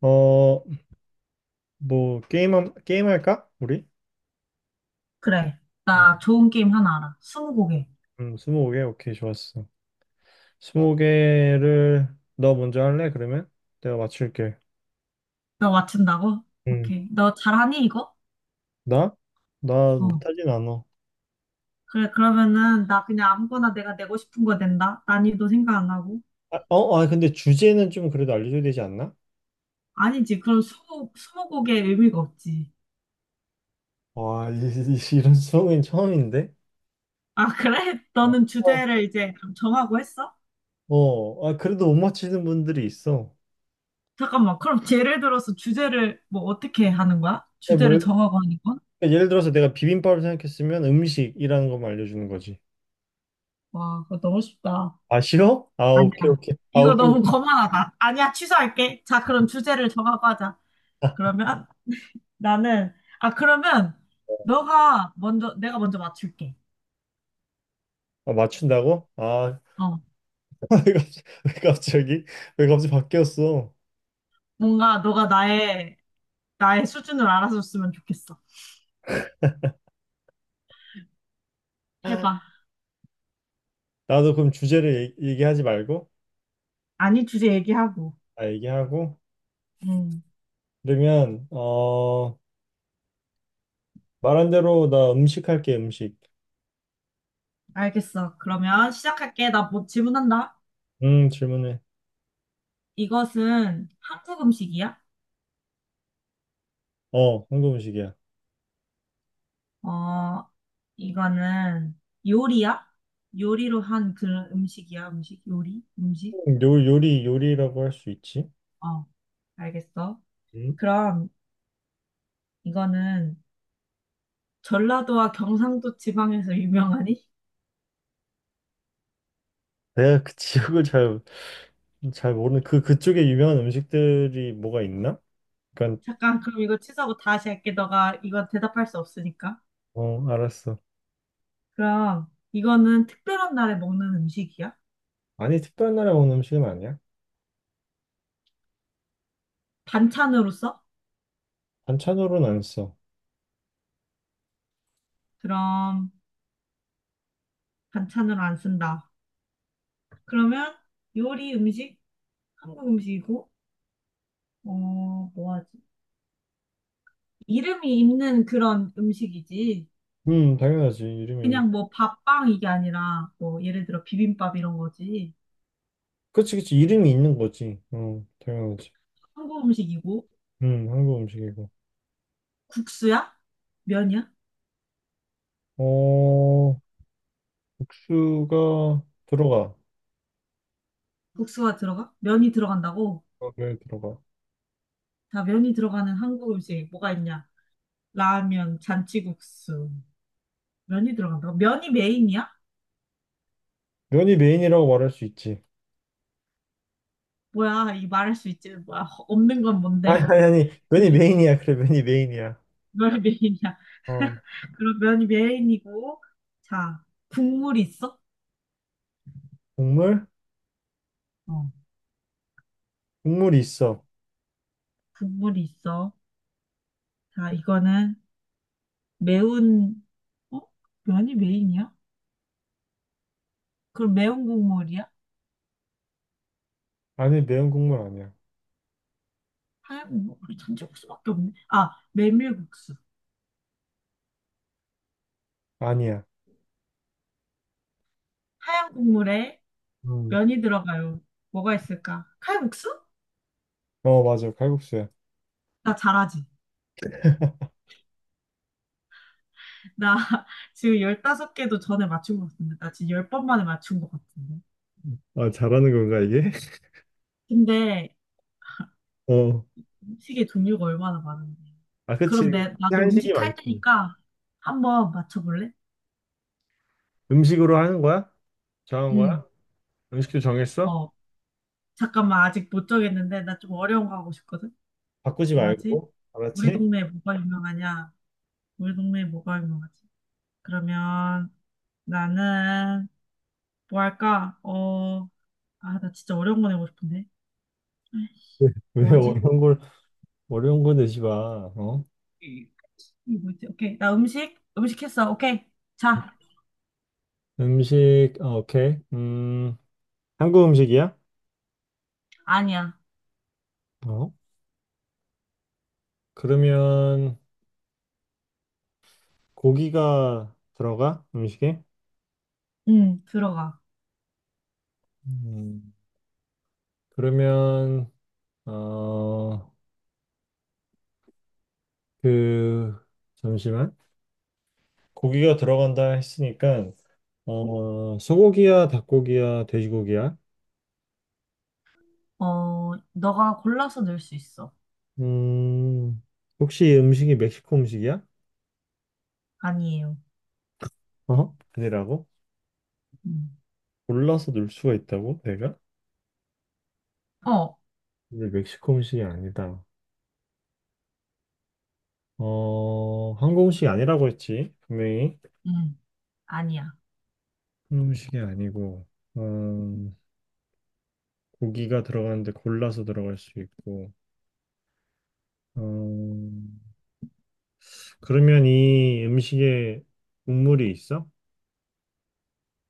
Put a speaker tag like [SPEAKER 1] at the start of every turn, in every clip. [SPEAKER 1] 어, 뭐, 게임, 게임 할까? 우리?
[SPEAKER 2] 그래.
[SPEAKER 1] 음.
[SPEAKER 2] 나 좋은 게임 하나 알아. 스무고개.
[SPEAKER 1] 20개? 오케이, 좋았어. 20개를, 너 먼저 할래, 그러면? 내가 맞출게.
[SPEAKER 2] 너 맞춘다고?
[SPEAKER 1] 음.
[SPEAKER 2] 오케이. 너 잘하니, 이거?
[SPEAKER 1] 나? 나
[SPEAKER 2] 어.
[SPEAKER 1] 못하진 않아.
[SPEAKER 2] 그래, 그러면은, 나 그냥 아무거나 내가 내고 싶은 거 낸다. 난이도 생각 안 하고.
[SPEAKER 1] 아, 어, 아, 근데 주제는 좀 그래도 알려줘야 되지 않나?
[SPEAKER 2] 아니지. 그럼 스무고개의 의미가 없지.
[SPEAKER 1] 와, 이런 수업은 처음인데?
[SPEAKER 2] 아, 그래?
[SPEAKER 1] 어,
[SPEAKER 2] 너는 주제를 이제 그럼 정하고 했어?
[SPEAKER 1] 어, 아, 그래도 못 맞히는 분들이 있어.
[SPEAKER 2] 잠깐만. 그럼 예를 들어서 주제를 뭐 어떻게 하는 거야?
[SPEAKER 1] 아니, 뭐,
[SPEAKER 2] 주제를
[SPEAKER 1] 그러니까
[SPEAKER 2] 정하고 하는 건?
[SPEAKER 1] 예를 들어서 내가 비빔밥을 생각했으면 음식이라는 것만 알려주는 거지.
[SPEAKER 2] 와, 그거 너무 쉽다.
[SPEAKER 1] 아, 싫어? 아, 오케이,
[SPEAKER 2] 아니야.
[SPEAKER 1] 오케이. 아,
[SPEAKER 2] 이거
[SPEAKER 1] 오케이.
[SPEAKER 2] 너무 거만하다. 아니야, 취소할게. 자, 그럼 주제를 정하고 하자. 그러면 나는, 아, 그러면, 너가 먼저, 내가 먼저 맞출게.
[SPEAKER 1] 아, 맞춘다고? 아,
[SPEAKER 2] 어.
[SPEAKER 1] 왜 갑자기 왜 갑자기 왜 갑자기 바뀌었어?
[SPEAKER 2] 뭔가, 너가 나의, 나의 수준을 알아줬으면 좋겠어. 해봐.
[SPEAKER 1] 나도 그럼 주제를 얘기하지 말고,
[SPEAKER 2] 아니, 주제 얘기하고.
[SPEAKER 1] 아 얘기하고.
[SPEAKER 2] 음,
[SPEAKER 1] 그러면, 어, 말한 대로 나 음식 할게. 음식.
[SPEAKER 2] 알겠어. 그러면 시작할게. 나 뭐 질문한다.
[SPEAKER 1] 음, 질문해.
[SPEAKER 2] 이것은 한국 음식이야?
[SPEAKER 1] 어, 한국 음식이야.
[SPEAKER 2] 어, 이거는 요리야? 요리로 한 그런 음식이야? 음식? 요리? 음식?
[SPEAKER 1] 요 요리 요리라고 할 수 있지.
[SPEAKER 2] 어, 알겠어.
[SPEAKER 1] 음?
[SPEAKER 2] 그럼, 이거는 전라도와 경상도 지방에서 유명하니?
[SPEAKER 1] 내가 그 지역을 잘 모르는, 그 그쪽에 유명한 음식들이 뭐가 있나? 그러니까.
[SPEAKER 2] 잠깐, 그럼 이거 취소하고 다시 할게. 너가 이건 대답할 수 없으니까.
[SPEAKER 1] 어, 알았어.
[SPEAKER 2] 그럼 이거는 특별한 날에 먹는 음식이야?
[SPEAKER 1] 아니, 특별한 나라 온 음식은 아니야.
[SPEAKER 2] 반찬으로 써?
[SPEAKER 1] 반찬으로는 안써음
[SPEAKER 2] 그럼 반찬으로 안 쓴다. 그러면 요리 음식? 한국 음식이고, 어, 뭐 하지? 이름이 있는 그런 음식이지.
[SPEAKER 1] 당연하지, 이름이.
[SPEAKER 2] 그냥 뭐 밥빵 이게 아니라 뭐 예를 들어 비빔밥 이런 거지.
[SPEAKER 1] 그치, 그치. 이름이 있는 거지. 어, 당연하지.
[SPEAKER 2] 한국 음식이고,
[SPEAKER 1] 한국 음식이고.
[SPEAKER 2] 국수야? 면이야?
[SPEAKER 1] 어, 국수가 들어가.
[SPEAKER 2] 국수가 들어가? 면이 들어간다고?
[SPEAKER 1] 어, 면 들어가.
[SPEAKER 2] 자, 면이 들어가는 한국 음식 뭐가 있냐? 라면, 잔치국수. 면이 들어간다고? 면이 메인이야?
[SPEAKER 1] 면이 메인이라고 말할 수 있지.
[SPEAKER 2] 뭐야, 이 말할 수 있지. 없는 건
[SPEAKER 1] 아, 아니,
[SPEAKER 2] 뭔데?
[SPEAKER 1] 아니, 아니. 면이 메인이야. 그래, 면이 메인이야.
[SPEAKER 2] 뭘 메인이야?
[SPEAKER 1] 어,
[SPEAKER 2] 그럼 면이 메인이고, 자, 국물이 있어?
[SPEAKER 1] 국물?
[SPEAKER 2] 어,
[SPEAKER 1] 국물이 있어.
[SPEAKER 2] 국물이 있어. 자, 이거는 매운, 어? 면이 메인이야? 그럼 매운 국물이야?
[SPEAKER 1] 아니, 매운 국물 아니야.
[SPEAKER 2] 하얀 국물? 우리 잔치국수밖에 없네. 아, 메밀국수.
[SPEAKER 1] 아니야.
[SPEAKER 2] 하얀 국물에
[SPEAKER 1] 음.
[SPEAKER 2] 면이 들어가요. 뭐가 있을까? 칼국수?
[SPEAKER 1] 어, 맞아. 칼국수야.
[SPEAKER 2] 나 잘하지. 나 지금 열다섯 개도 전에 맞춘 것 같은데. 나 지금 10번 만에 맞춘 것 같은데.
[SPEAKER 1] 아, 잘하는 건가, 이게?
[SPEAKER 2] 근데
[SPEAKER 1] 어.
[SPEAKER 2] 음식의 종류가 얼마나 많은데.
[SPEAKER 1] 아, 그치.
[SPEAKER 2] 그럼 나도
[SPEAKER 1] 한식이
[SPEAKER 2] 음식 할
[SPEAKER 1] 많지.
[SPEAKER 2] 테니까 한번 맞춰볼래?
[SPEAKER 1] 음식으로 하는 거야? 정한 거야?
[SPEAKER 2] 응.
[SPEAKER 1] 음식도 정했어?
[SPEAKER 2] 어. 잠깐만, 아직 못 정했는데. 나 좀 어려운 거 하고 싶거든?
[SPEAKER 1] 바꾸지
[SPEAKER 2] 뭐 하지?
[SPEAKER 1] 말고.
[SPEAKER 2] 우리
[SPEAKER 1] 알았지?
[SPEAKER 2] 동네에 뭐가 유명하냐? 우리 동네에 뭐가 유명하지? 그러면 나는 뭐 할까? 어. 아, 나 진짜 어려운 거 내고 싶은데. 에이,
[SPEAKER 1] 왜, 왜
[SPEAKER 2] 뭐 하지?
[SPEAKER 1] 어려운 걸, 어려운 거 내지 마. 어?
[SPEAKER 2] 이 뭐지? 오케이. 나 음식 했어. 오케이. 자,
[SPEAKER 1] 음식, 아, 오케이. 한국 음식이야?
[SPEAKER 2] 아니야.
[SPEAKER 1] 어? 그러면 고기가 들어가? 음식에?
[SPEAKER 2] 들어가.
[SPEAKER 1] 음, 그러면, 어, 그, 잠시만. 고기가 들어간다 했으니까, 어, 소고기야, 닭고기야, 돼지고기야?
[SPEAKER 2] 어, 너가 골라서 넣을 수 있어.
[SPEAKER 1] 음, 혹시 음식이 멕시코 음식이야?
[SPEAKER 2] 아니에요.
[SPEAKER 1] 어? 아니라고?
[SPEAKER 2] 음.
[SPEAKER 1] 골라서 넣을 수가 있다고? 내가?
[SPEAKER 2] 어,
[SPEAKER 1] 근데 멕시코 음식이 아니다. 어, 한국 음식이 아니라고 했지, 분명히.
[SPEAKER 2] 음. 아니야.
[SPEAKER 1] 한국 음식이 아니고, 어, 고기가 들어가는데 골라서 들어갈 수 있고, 어, 그러면 이 음식에 국물이 있어?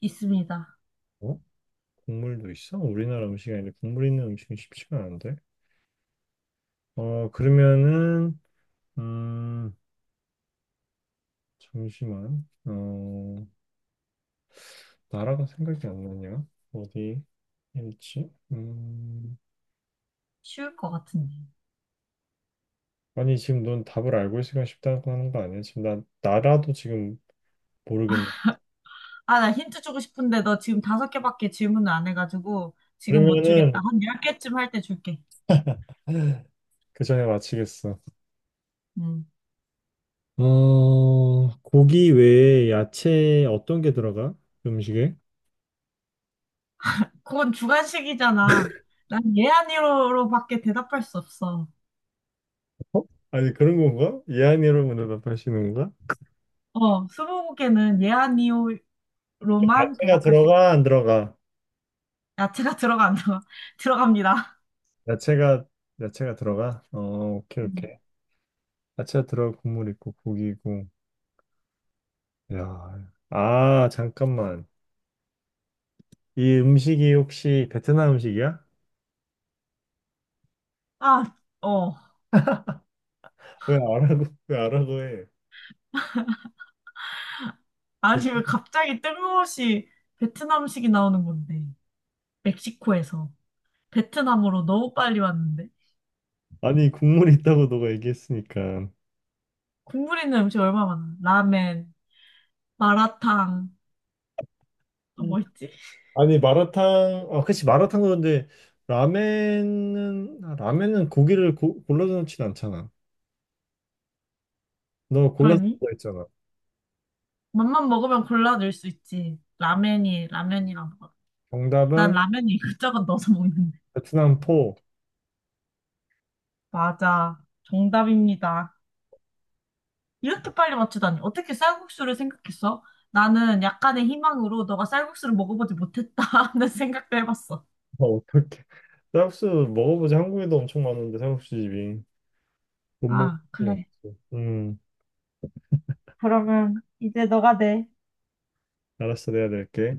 [SPEAKER 2] 있습니다.
[SPEAKER 1] 어? 국물도 있어? 우리나라 음식이 아닌데 국물 있는 음식은 쉽지가 않은데. 어, 그러면은, 음, 잠시만, 어, 나라가 생각이 안 나냐? 어디? 일치?
[SPEAKER 2] 쉬울 것 같은데.
[SPEAKER 1] 아니 지금 넌 답을 알고 있으니까 쉽다고 하는 거 아니야? 지금 나, 나라도 지금 모르겠네.
[SPEAKER 2] 아, 나 힌트 주고 싶은데 너 지금 다섯 개밖에 질문을 안 해가지고 지금 못 주겠다.
[SPEAKER 1] 그러면은
[SPEAKER 2] 한 10개쯤 할 때 줄게.
[SPEAKER 1] 그 전에 마치겠어.
[SPEAKER 2] 음.
[SPEAKER 1] 어, 고기 외에 야채 어떤 게 들어가? 음식에?
[SPEAKER 2] 그건 주관식이잖아. 난 예, 아니로밖에 대답할 수 없어.
[SPEAKER 1] 어? 아니 그런 건가? 예안이로 문답하시는 건가?
[SPEAKER 2] 어, 스무고개는 예, 아니오로만
[SPEAKER 1] 야채가
[SPEAKER 2] 대답할 수
[SPEAKER 1] 들어가
[SPEAKER 2] 있어.
[SPEAKER 1] 안 들어가?
[SPEAKER 2] 야채가 들어간다. 들어갑니다.
[SPEAKER 1] 야채가 야채가 들어가? 어, 오케이
[SPEAKER 2] 음.
[SPEAKER 1] 오케이. 야채가 들어가, 국물 있고, 고기고. 야. 아 잠깐만. 이 음식이 혹시 베트남 음식이야?
[SPEAKER 2] 아, 어.
[SPEAKER 1] 왜 알아고 해?
[SPEAKER 2] 아니, 왜 갑자기 뜬금없이 베트남식이 나오는 건데. 멕시코에서. 베트남으로 너무 빨리 왔는데.
[SPEAKER 1] 아니 국물이 있다고 너가 얘기했으니까.
[SPEAKER 2] 국물 있는 음식 얼마나 많아. 라멘, 마라탕, 또
[SPEAKER 1] 음.
[SPEAKER 2] 뭐 있지?
[SPEAKER 1] 아니 마라탕, 아 그치 마라탕. 그런데 라멘은, 아, 라멘은 고기를 골라서 넣진 않잖아. 너 골라서
[SPEAKER 2] 그러니?
[SPEAKER 1] 넣어 있잖아.
[SPEAKER 2] 맛만 먹으면 골라 넣을 수 있지. 라면이랑 먹어. 난
[SPEAKER 1] 정답은
[SPEAKER 2] 라면이 이것저것 넣어서 먹는데.
[SPEAKER 1] 베트남 포.
[SPEAKER 2] 맞아. 정답입니다. 이렇게 빨리 맞추다니. 어떻게 쌀국수를 생각했어? 나는 약간의 희망으로 너가 쌀국수를 먹어보지 못했다 하는 생각도 해봤어.
[SPEAKER 1] 아, 어떡해. 쌀국수 먹어보지, 한국에도 엄청 많은데 쌀국수 집이, 못 먹을
[SPEAKER 2] 아,
[SPEAKER 1] 수는 없
[SPEAKER 2] 그래.
[SPEAKER 1] 음
[SPEAKER 2] 그러면 이제
[SPEAKER 1] 알았어, 내가 낼게.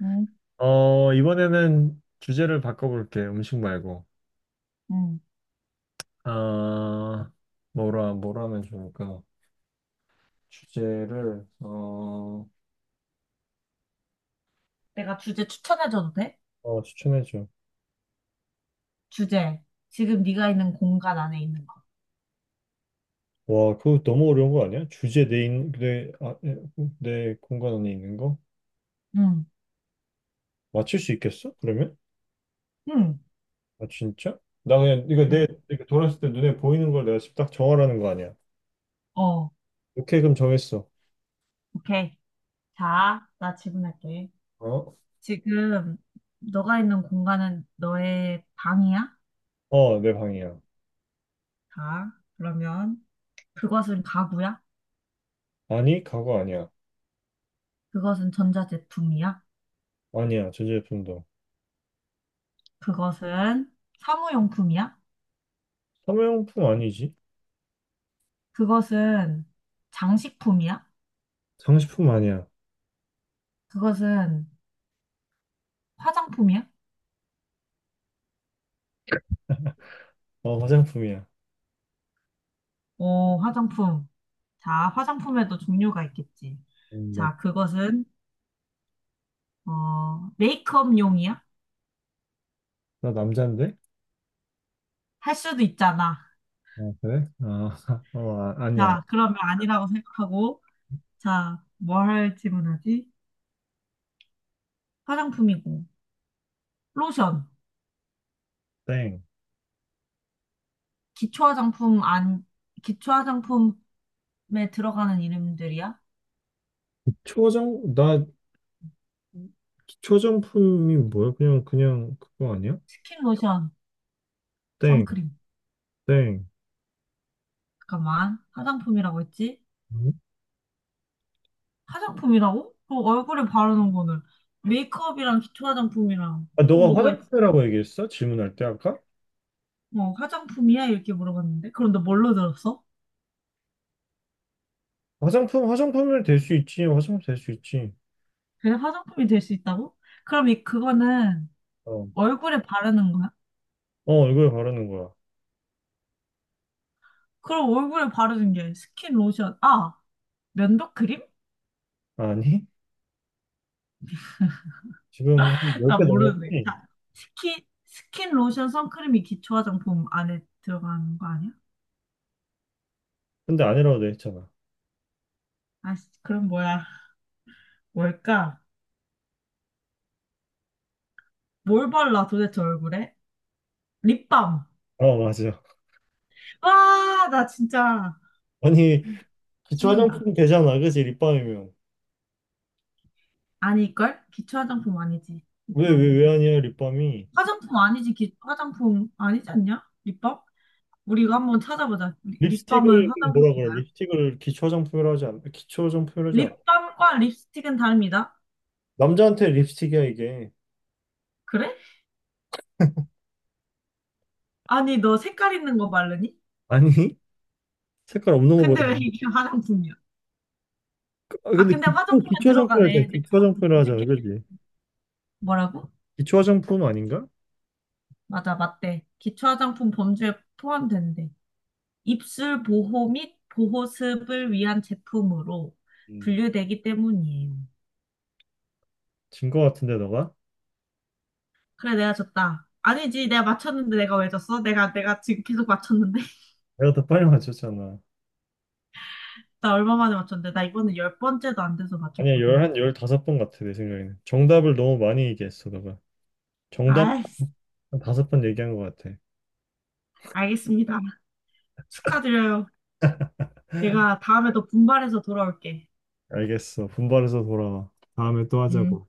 [SPEAKER 2] 응,
[SPEAKER 1] 어, 이번에는 주제를 바꿔볼게. 음식 말고.
[SPEAKER 2] 응.
[SPEAKER 1] 아, 뭐라 하면 좋을까? 주제를, 어.
[SPEAKER 2] 내가 주제 추천해줘도 돼?
[SPEAKER 1] 어, 추천해줘.
[SPEAKER 2] 주제. 지금 네가 있는 공간 안에 있는 거.
[SPEAKER 1] 와, 그거 너무 어려운 거 아니야? 주제 내, 인, 내, 아, 내 내 공간 안에 있는 거?
[SPEAKER 2] 응,
[SPEAKER 1] 맞출 수 있겠어? 그러면?
[SPEAKER 2] 응,
[SPEAKER 1] 아, 진짜? 나 그냥, 이거
[SPEAKER 2] 응.
[SPEAKER 1] 내, 이렇게 돌았을 때 눈에 보이는 걸 내가 지금 딱 정하라는 거 아니야?
[SPEAKER 2] 어,
[SPEAKER 1] 오케이, 그럼 정했어.
[SPEAKER 2] 오케이. 자, 나 질문할게.
[SPEAKER 1] 어?
[SPEAKER 2] 지금 너가 있는 공간은 너의 방이야?
[SPEAKER 1] 어, 내 방이야.
[SPEAKER 2] 자, 그러면 그것은 가구야?
[SPEAKER 1] 아니, 가구 아니야.
[SPEAKER 2] 그것은 전자제품이야?
[SPEAKER 1] 아니야, 전자제품도.
[SPEAKER 2] 그것은 사무용품이야?
[SPEAKER 1] 사무용품 아니지?
[SPEAKER 2] 그것은 장식품이야?
[SPEAKER 1] 장식품 아니야.
[SPEAKER 2] 그것은 화장품이야?
[SPEAKER 1] 어, 화장품이야.
[SPEAKER 2] 오, 화장품. 자, 화장품에도 종류가 있겠지.
[SPEAKER 1] 나,
[SPEAKER 2] 자, 그것은, 어, 메이크업용이야?
[SPEAKER 1] 나 남잔데?
[SPEAKER 2] 할 수도 있잖아.
[SPEAKER 1] 어, 그래? 아, 어, 아, 아니야.
[SPEAKER 2] 자, 그러면 아니라고 생각하고, 자, 뭐 할 질문하지? 화장품이고, 로션,
[SPEAKER 1] 땡.
[SPEAKER 2] 기초 화장품 안, 기초 화장품에 들어가는 이름들이야?
[SPEAKER 1] 초정? 나, 기초정품이 뭐야? 그냥 그거 아니야?
[SPEAKER 2] 스킨 로션,
[SPEAKER 1] 땡,
[SPEAKER 2] 선크림.
[SPEAKER 1] 땡.
[SPEAKER 2] 잠깐만. 화장품이라고 했지?
[SPEAKER 1] 음?
[SPEAKER 2] 화장품이라고? 그 얼굴에 바르는 거는 메이크업이랑 기초 화장품이랑
[SPEAKER 1] 아,
[SPEAKER 2] 또
[SPEAKER 1] 너가
[SPEAKER 2] 뭐가 있...
[SPEAKER 1] 화장품이라고 얘기했어? 질문할 때 아까?
[SPEAKER 2] 어, 화장품이야? 이렇게 물어봤는데. 그런데 뭘로 들었어?
[SPEAKER 1] 화장품, 화장품을 될 수 있지. 화장품 될 수 있지.
[SPEAKER 2] 그래, 화장품이 될 수 있다고? 그럼 이 그거는
[SPEAKER 1] 어,
[SPEAKER 2] 얼굴에 바르는 거야?
[SPEAKER 1] 어, 이걸 바르는 거야.
[SPEAKER 2] 그럼 얼굴에 바르는 게 스킨 로션. 아, 면도 크림?
[SPEAKER 1] 아니? 지금 한
[SPEAKER 2] 나
[SPEAKER 1] 10개
[SPEAKER 2] 모르는데.
[SPEAKER 1] 넘었지?
[SPEAKER 2] 자, 스킨 스킨 로션 선크림이 기초 화장품 안에 들어가는 거 아니야?
[SPEAKER 1] 근데 아니라고 돼 있잖아.
[SPEAKER 2] 아, 그럼 뭐야? 뭘까? 뭘 발라 도대체 얼굴에? 립밤.
[SPEAKER 1] 어, 맞아.
[SPEAKER 2] 와, 나 진짜
[SPEAKER 1] 아니, 기초
[SPEAKER 2] 신난다.
[SPEAKER 1] 화장품 되잖아. 그지? 립밤이면.
[SPEAKER 2] 아닐걸? 기초 화장품 아니지, 립밤은.
[SPEAKER 1] 왜 아니야, 립밤이?
[SPEAKER 2] 화장품 아니지, 화장품 아니지 않냐? 립밤? 우리 이거 한번 찾아보자. 립밤은
[SPEAKER 1] 립스틱을 뭐라 그래?
[SPEAKER 2] 화장품인가요?
[SPEAKER 1] 립스틱을 기초 화장품이라고 하지 않아.
[SPEAKER 2] 립밤과 립스틱은 다릅니다.
[SPEAKER 1] 남자한테 립스틱이야, 이게.
[SPEAKER 2] 그래? 아니, 너 색깔 있는 거 바르니?
[SPEAKER 1] 아니? 색깔 없는
[SPEAKER 2] 근데
[SPEAKER 1] 거보다.
[SPEAKER 2] 왜 이게 화장품이야?
[SPEAKER 1] 아,
[SPEAKER 2] 아,
[SPEAKER 1] 근데
[SPEAKER 2] 근데 화장품에
[SPEAKER 1] 기초 화장품 할 때,
[SPEAKER 2] 들어가네. 내가
[SPEAKER 1] 기초
[SPEAKER 2] 방금
[SPEAKER 1] 화장품을 하자,
[SPEAKER 2] 검색해.
[SPEAKER 1] 그러지.
[SPEAKER 2] 뭐라고?
[SPEAKER 1] 기초 화장품 아닌가?
[SPEAKER 2] 맞아, 맞대. 기초 화장품 범주에 포함된대. 입술 보호 및 보호습을 위한 제품으로
[SPEAKER 1] 음.
[SPEAKER 2] 분류되기 때문이에요.
[SPEAKER 1] 진거 같은데, 너가?
[SPEAKER 2] 그래, 내가 졌다. 아니지, 내가 맞췄는데 내가 왜 졌어? 내가 지금 계속 맞췄는데?
[SPEAKER 1] 내가 더 빨리 맞췄잖아.
[SPEAKER 2] 나 얼마 만에 맞췄는데? 나 이번에 열 번째도 안 돼서
[SPEAKER 1] 아니야,
[SPEAKER 2] 맞췄거든.
[SPEAKER 1] 한 15번 같아, 내 생각에는. 정답을 너무 많이 얘기했어, 너가. 정답
[SPEAKER 2] 아이,
[SPEAKER 1] 한 5번 얘기한 것 같아.
[SPEAKER 2] 알겠습니다. 축하드려요. 내가 다음에 더 분발해서 돌아올게.
[SPEAKER 1] 알겠어. 분발해서 돌아와. 다음에 또
[SPEAKER 2] 음.
[SPEAKER 1] 하자고.